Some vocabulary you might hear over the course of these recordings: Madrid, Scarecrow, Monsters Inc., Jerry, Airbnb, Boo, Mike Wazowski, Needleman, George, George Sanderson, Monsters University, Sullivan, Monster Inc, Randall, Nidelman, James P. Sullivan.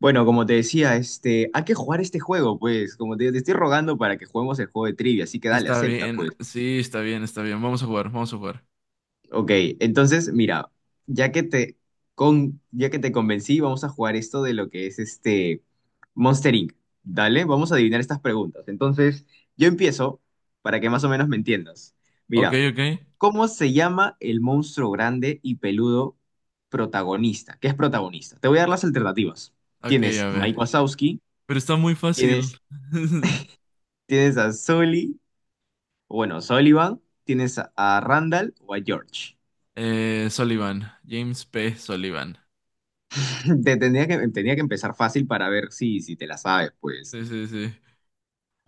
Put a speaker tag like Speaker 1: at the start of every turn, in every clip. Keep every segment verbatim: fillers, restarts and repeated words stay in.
Speaker 1: Bueno, como te decía, este, hay que jugar este juego, pues. Como te, te estoy rogando para que juguemos el juego de trivia, así que dale,
Speaker 2: Está
Speaker 1: acepta, pues.
Speaker 2: bien, sí, está bien, está bien. Vamos a jugar, vamos a jugar.
Speaker 1: Ok, entonces, mira, ya que te, con, ya que te convencí, vamos a jugar esto de lo que es este Monster ink. Dale, vamos a adivinar estas preguntas. Entonces, yo empiezo para que más o menos me entiendas.
Speaker 2: Ok,
Speaker 1: Mira,
Speaker 2: ok.
Speaker 1: ¿cómo se llama el monstruo grande y peludo protagonista? ¿Qué es protagonista? Te voy a dar las alternativas.
Speaker 2: Ok,
Speaker 1: Tienes
Speaker 2: a ver.
Speaker 1: Mike Wazowski.
Speaker 2: Pero está muy fácil.
Speaker 1: Tienes Tienes a Sully, o bueno, Sullivan, tienes a, a Randall o a George.
Speaker 2: Eh, Sullivan, James P. Sullivan.
Speaker 1: Te tendría que, tenía que empezar fácil para ver si, si te la sabes, pues.
Speaker 2: Sí, sí, sí.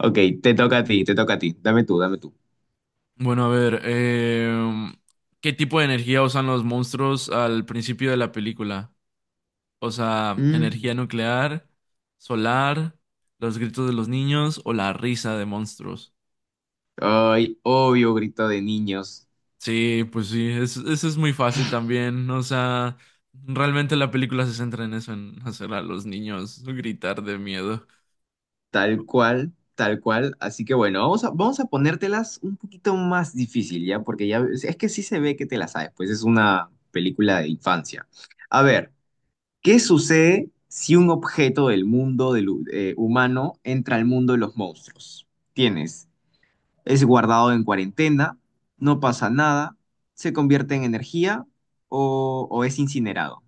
Speaker 1: Ok, te toca a ti, te toca a ti. Dame tú, dame tú.
Speaker 2: Bueno, a ver, em, ¿qué tipo de energía usan los monstruos al principio de la película? O sea,
Speaker 1: Mm.
Speaker 2: energía nuclear, solar, los gritos de los niños o la risa de monstruos.
Speaker 1: Ay, obvio, grito de niños.
Speaker 2: Sí, pues sí, es- eso es muy fácil también. O sea, realmente la película se centra en eso, en hacer a los niños gritar de miedo.
Speaker 1: Tal cual, tal cual. Así que bueno, vamos a, vamos a ponértelas un poquito más difícil, ¿ya? Porque ya es que sí se ve que te las sabes, pues es una película de infancia. A ver. ¿Qué sucede si un objeto del mundo del, hu- eh, humano entra al mundo de los monstruos? Tienes, es guardado en cuarentena, no pasa nada, se convierte en energía o, o es incinerado.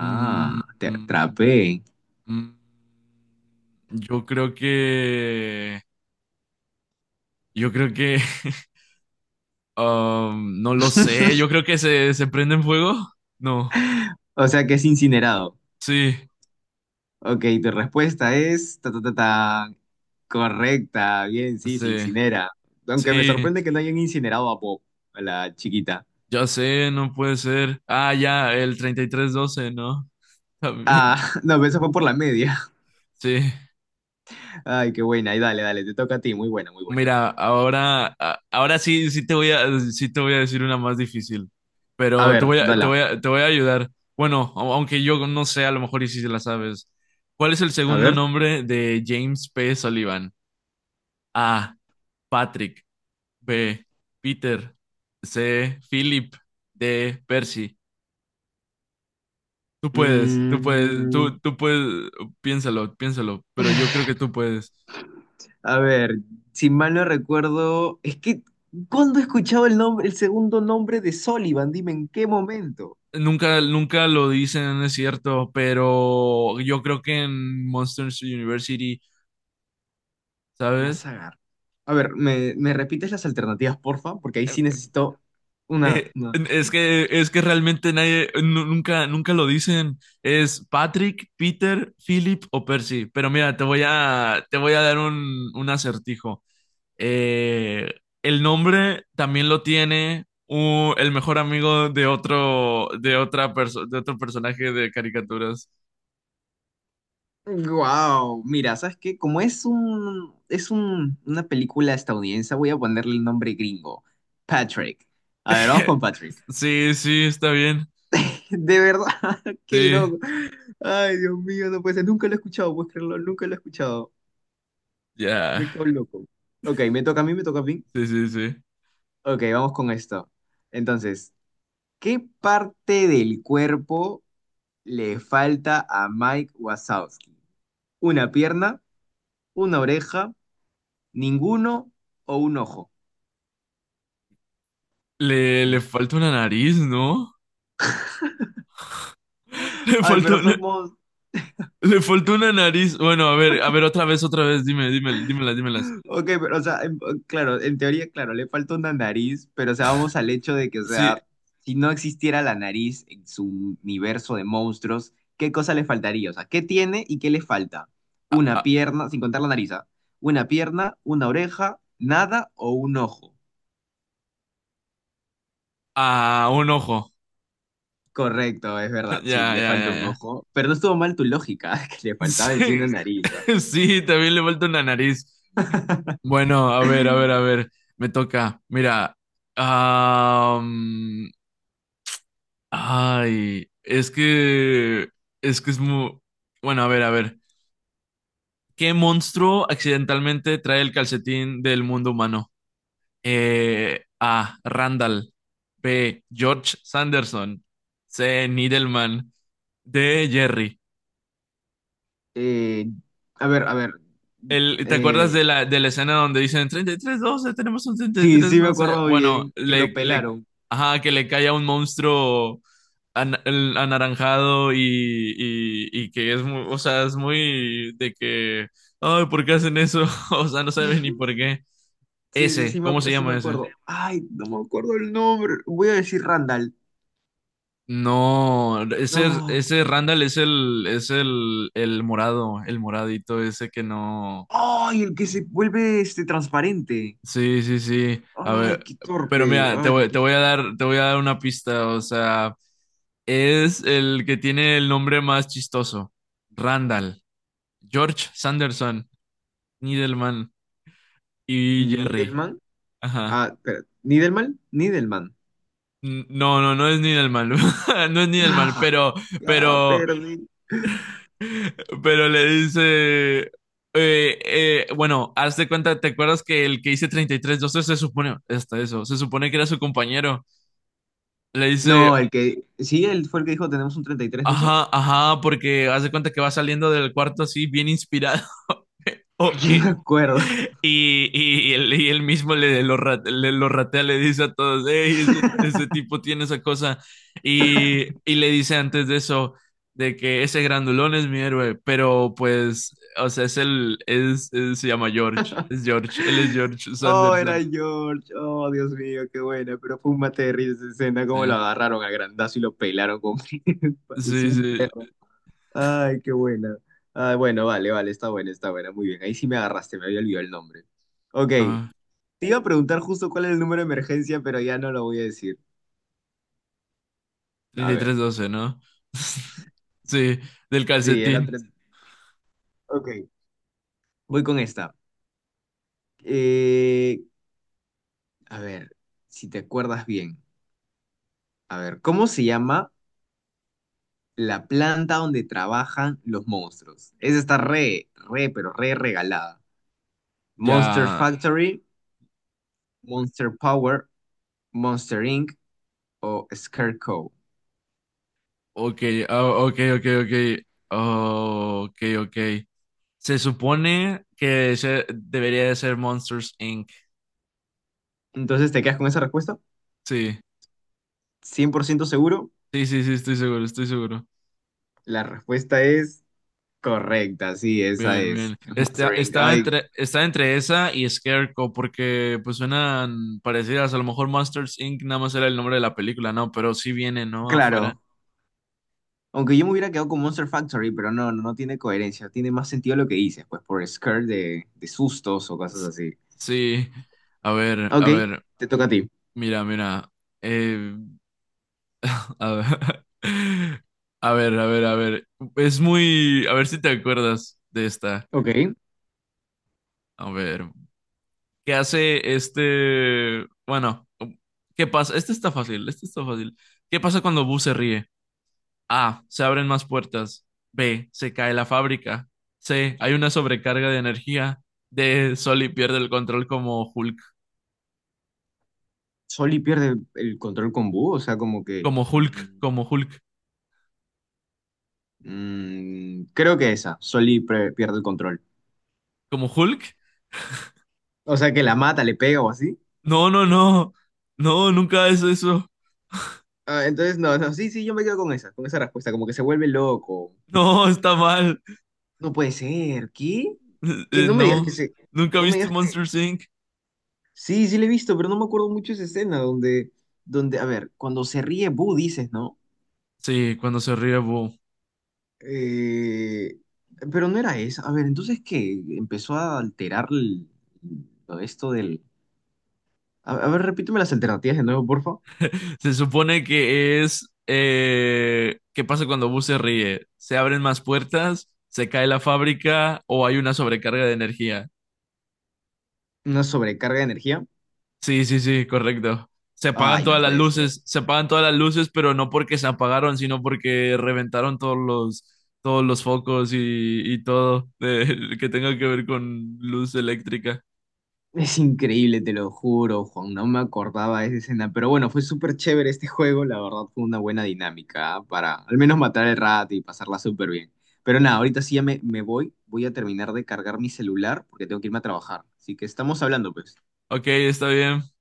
Speaker 2: Mm,
Speaker 1: te
Speaker 2: mm,
Speaker 1: atrapé.
Speaker 2: mm. Yo creo que... Yo creo que... um, No lo sé, yo creo que se, se prende en fuego. No,
Speaker 1: O sea que es incinerado.
Speaker 2: sí,
Speaker 1: Ok, tu respuesta es ta, ta, ta, ta, correcta. Bien, sí, se
Speaker 2: sí,
Speaker 1: incinera. Aunque me
Speaker 2: sí,
Speaker 1: sorprende que no hayan incinerado a Bob, a la chiquita.
Speaker 2: ya sé, no puede ser. Ah, ya, el treinta y tres doce, ¿no? También,
Speaker 1: Ah, no, pero eso fue por la media.
Speaker 2: sí.
Speaker 1: Ay, qué buena. Y dale, dale, te toca a ti. Muy buena, muy buena.
Speaker 2: Mira, ahora, a- ahora sí, sí te voy a, sí te voy a decir una más difícil,
Speaker 1: A
Speaker 2: pero te
Speaker 1: ver,
Speaker 2: voy a, te
Speaker 1: dale.
Speaker 2: voy a, te voy a ayudar. Bueno, au- aunque yo no sé, a lo mejor y sí se la sabes. ¿Cuál es el
Speaker 1: A
Speaker 2: segundo
Speaker 1: ver.
Speaker 2: nombre de James P. Sullivan? A. Patrick. B. Peter. C. Philip. D. Percy. Tú puedes, tú puedes,
Speaker 1: Mm,
Speaker 2: tú, tú puedes, piénsalo, piénsalo, pero yo creo que tú puedes.
Speaker 1: a ver, si mal no recuerdo, es que, ¿cuándo he escuchado el nombre, el segundo nombre de Sullivan? Dime, ¿en qué momento?
Speaker 2: Nunca, nunca lo dicen, es cierto, pero yo creo que en Monsters University,
Speaker 1: Me vas
Speaker 2: ¿sabes?
Speaker 1: a agarrar. A ver, ¿me, me repites las alternativas, porfa? Porque ahí sí
Speaker 2: Eh,
Speaker 1: necesito una,
Speaker 2: eh,
Speaker 1: una...
Speaker 2: es que, es que realmente nadie, nu- nunca, nunca lo dicen. Es Patrick, Peter, Philip o Percy. Pero mira, te voy a, te voy a dar un, un acertijo. Eh, el nombre también lo tiene u- el mejor amigo de otro, de otra perso- de otro personaje de caricaturas.
Speaker 1: Wow, mira, ¿sabes qué? Como es un, es un, una película estadounidense, voy a ponerle el nombre gringo. Patrick. A ver, vamos con Patrick.
Speaker 2: Sí, sí, está bien.
Speaker 1: De verdad, qué
Speaker 2: Sí.
Speaker 1: loco. Ay, Dios mío, no puede ser. Nunca lo he escuchado, puedes creerlo, nunca lo he escuchado.
Speaker 2: Ya,
Speaker 1: Me cago en loco. Ok, me toca a mí, me toca a mí.
Speaker 2: sí, sí, sí.
Speaker 1: Ok, vamos con esto. Entonces, ¿qué parte del cuerpo le falta a Mike Wazowski? ¿Una pierna, una oreja, ninguno o un ojo?
Speaker 2: Le,
Speaker 1: Mm.
Speaker 2: le falta una nariz, ¿no? Le
Speaker 1: Ay,
Speaker 2: faltó
Speaker 1: pero
Speaker 2: una,
Speaker 1: somos...
Speaker 2: le faltó una nariz. Bueno, a ver, a ver, otra vez, otra vez, dime, dime, dímelas, dímelas.
Speaker 1: Ok, pero o sea, en- claro, en teoría, claro, le falta una nariz, pero o sea, vamos al hecho de que, o
Speaker 2: Sí,
Speaker 1: sea, si no existiera la nariz en su universo de monstruos, ¿qué cosa le faltaría? O sea, ¿qué tiene y qué le falta? Una
Speaker 2: a,
Speaker 1: pierna, sin contar la nariz, ¿ah? Una pierna, una oreja, nada o un ojo.
Speaker 2: a- a un ojo.
Speaker 1: Correcto, es verdad,
Speaker 2: Ya,
Speaker 1: sí, le
Speaker 2: ya, ya,
Speaker 1: falta un
Speaker 2: ya.
Speaker 1: ojo, pero no estuvo mal tu lógica, que le faltaba en
Speaker 2: Sí,
Speaker 1: sí una nariz. ¿Ah?
Speaker 2: sí, también le falta una nariz. Bueno, a ver, a ver, a ver, me toca. Mira, am, ay, es que, es que es muy, bueno, a ver, a ver. ¿Qué monstruo accidentalmente trae el calcetín del mundo humano? Eh, A. Randall. B. George Sanderson. C. Needleman. D. Jerry.
Speaker 1: Eh, a ver, a ver,
Speaker 2: El, ¿te acuerdas
Speaker 1: eh,
Speaker 2: de la, de la escena donde dicen treinta y tres doce tenemos un treinta y
Speaker 1: sí,
Speaker 2: tres
Speaker 1: sí me
Speaker 2: doce?
Speaker 1: acuerdo muy
Speaker 2: Bueno,
Speaker 1: bien que lo
Speaker 2: le, le,
Speaker 1: pelaron.
Speaker 2: ajá, que le cae a un monstruo an- el- anaranjado y, y, y que es muy, o sea, es muy de que, ay, ¿por qué hacen eso? O sea, no saben ni por qué.
Speaker 1: Sí, sí,
Speaker 2: Ese,
Speaker 1: sí me,
Speaker 2: ¿cómo se
Speaker 1: acu- sí me
Speaker 2: llama ese?
Speaker 1: acuerdo. Ay, no me acuerdo el nombre. Voy a decir Randall.
Speaker 2: No, ese,
Speaker 1: No.
Speaker 2: ese Randall es el, es el, el morado, el moradito ese que no.
Speaker 1: Ay, el que se vuelve este transparente.
Speaker 2: Sí, sí, sí. A
Speaker 1: Ay,
Speaker 2: ver,
Speaker 1: qué
Speaker 2: pero
Speaker 1: torpe.
Speaker 2: mira, te
Speaker 1: Ay, no
Speaker 2: voy, te
Speaker 1: puse-
Speaker 2: voy a dar, te voy a dar una pista, o sea, es el que tiene el nombre más chistoso. Randall, George Sanderson, Nidelman y Jerry.
Speaker 1: Nidelman.
Speaker 2: Ajá.
Speaker 1: Ah, espera. ¿Nidelman? Nidelman.
Speaker 2: N- No, no, no es Nidelman. No es Nidelman,
Speaker 1: Ah,
Speaker 2: pero,
Speaker 1: ya
Speaker 2: pero
Speaker 1: perdí.
Speaker 2: pero le dice, eh, eh, bueno, haz de cuenta, ¿te acuerdas que el que hice treinta y tres doce se supone, hasta eso, se supone que era su compañero? Le dice,
Speaker 1: No, el que. Sí, él fue el que dijo tenemos un treinta y tres doce.
Speaker 2: ajá, ajá, porque haz de cuenta que va saliendo del cuarto así, bien inspirado. Oh,
Speaker 1: Yo
Speaker 2: y,
Speaker 1: me acuerdo.
Speaker 2: y, y él, y él mismo le lo, ra- le lo ratea, le dice a todos, hey, ese, ese tipo tiene esa cosa. Y, y le dice antes de eso, de que ese grandulón es mi héroe, pero pues, o sea, es el, es, es- se llama George, es George, él es George
Speaker 1: Oh, era
Speaker 2: Sanderson.
Speaker 1: George. Oh, Dios mío, qué buena. Pero fue un mate de risa esa escena. Cómo
Speaker 2: Eh,
Speaker 1: lo agarraron a grandazo y lo pelaron como
Speaker 2: Sí,
Speaker 1: parecía un
Speaker 2: sí,
Speaker 1: perro. Ay, qué buena. Ah, bueno, vale, vale, está buena, está buena. Muy bien, ahí sí me agarraste, me había olvidado el nombre. Ok,
Speaker 2: ah,
Speaker 1: te iba a preguntar justo cuál es el número de emergencia, pero ya no lo voy a decir. A
Speaker 2: treinta y tres
Speaker 1: ver,
Speaker 2: doce ¿no? Sí, del
Speaker 1: sí, era
Speaker 2: calcetín.
Speaker 1: tres. Ok, voy con esta. Eh, a ver, si te acuerdas bien. A ver, ¿cómo se llama la planta donde trabajan los monstruos? Esa está re, re, pero re regalada. Monster
Speaker 2: Ya,
Speaker 1: Factory, Monster Power, Monster ink o Scarecrow.
Speaker 2: ok, ah, ok, ok, ok, oh, ok, ok. Se supone que se- debería de ser Monsters Inc.
Speaker 1: Entonces, ¿te quedas con esa respuesta?
Speaker 2: Sí,
Speaker 1: Cien por ciento seguro.
Speaker 2: sí, sí, sí, estoy seguro, estoy seguro.
Speaker 1: La respuesta es correcta, sí, esa
Speaker 2: Bien,
Speaker 1: es.
Speaker 2: bien. Esta-
Speaker 1: Monster ink.
Speaker 2: estaba
Speaker 1: Ay,
Speaker 2: entre, estaba entre esa y Scarecrow porque pues suenan parecidas. A lo mejor Monsters Inc nada más era el nombre de la película, ¿no? Pero sí viene, ¿no? Afuera.
Speaker 1: claro. Aunque yo me hubiera quedado con Monster Factory, pero no, no, no tiene coherencia. Tiene más sentido lo que dices, pues por scare de, de sustos o cosas
Speaker 2: S-
Speaker 1: así.
Speaker 2: Sí. A ver, a
Speaker 1: Ok,
Speaker 2: ver.
Speaker 1: te toca a ti.
Speaker 2: Mira, mira. Eh, a ver. A ver, a ver, a ver. Es muy... A ver si te acuerdas de esta.
Speaker 1: Ok.
Speaker 2: A ver. Que hace este, bueno, ¿qué pasa? Este está fácil, este está fácil. ¿Qué pasa cuando Boo se ríe? A, se abren más puertas. B, se cae la fábrica. C, hay una sobrecarga de energía. D, Soli pierde el control como Hulk,
Speaker 1: Soli pierde el control con Boo, o sea, como que...
Speaker 2: como Hulk,
Speaker 1: mm,
Speaker 2: como Hulk,
Speaker 1: mm, creo que esa. Soli pre- pierde el control.
Speaker 2: como Hulk.
Speaker 1: O sea, que la mata, le pega o así.
Speaker 2: No, no, no. No, nunca es eso.
Speaker 1: Ah, entonces, no, no, sí, sí, yo me quedo con esa, con esa respuesta, como que se vuelve loco.
Speaker 2: No, está mal.
Speaker 1: No puede ser, ¿qué? Que
Speaker 2: Eh,
Speaker 1: no me digas que
Speaker 2: No,
Speaker 1: se,
Speaker 2: nunca
Speaker 1: no me
Speaker 2: viste
Speaker 1: digas que...
Speaker 2: Monsters Inc.
Speaker 1: Sí, sí le he visto, pero no me acuerdo mucho esa escena donde, donde, a ver, cuando se ríe Boo dices, ¿no?
Speaker 2: Sí, cuando se ríe Boo.
Speaker 1: Eh, pero no era esa. A ver, entonces, ¿qué? Empezó a alterar el- lo de esto del... A, a ver, repíteme las alternativas de nuevo, porfa.
Speaker 2: Se supone que es... eh, ¿qué pasa cuando Boo se ríe? ¿Se abren más puertas? ¿Se cae la fábrica? ¿O hay una sobrecarga de energía?
Speaker 1: Una sobrecarga de energía.
Speaker 2: Sí, sí, sí, correcto. Se apagan
Speaker 1: Ay, no
Speaker 2: todas las
Speaker 1: puede ser.
Speaker 2: luces, se apagan todas las luces, pero no porque se apagaron, sino porque reventaron todos los, todos los focos y, y todo de- que tenga que ver con luz eléctrica.
Speaker 1: Es increíble, te lo juro, Juan, no me acordaba de esa escena, pero bueno, fue súper chévere este juego, la verdad fue una buena dinámica, ¿ah? Para al menos matar el rato y pasarla súper bien. Pero nada, ahorita sí ya me, me voy, voy a terminar de cargar mi celular porque tengo que irme a trabajar. Así que estamos hablando, pues.
Speaker 2: Ok, está bien.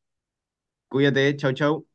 Speaker 1: Cuídate, chau, chau.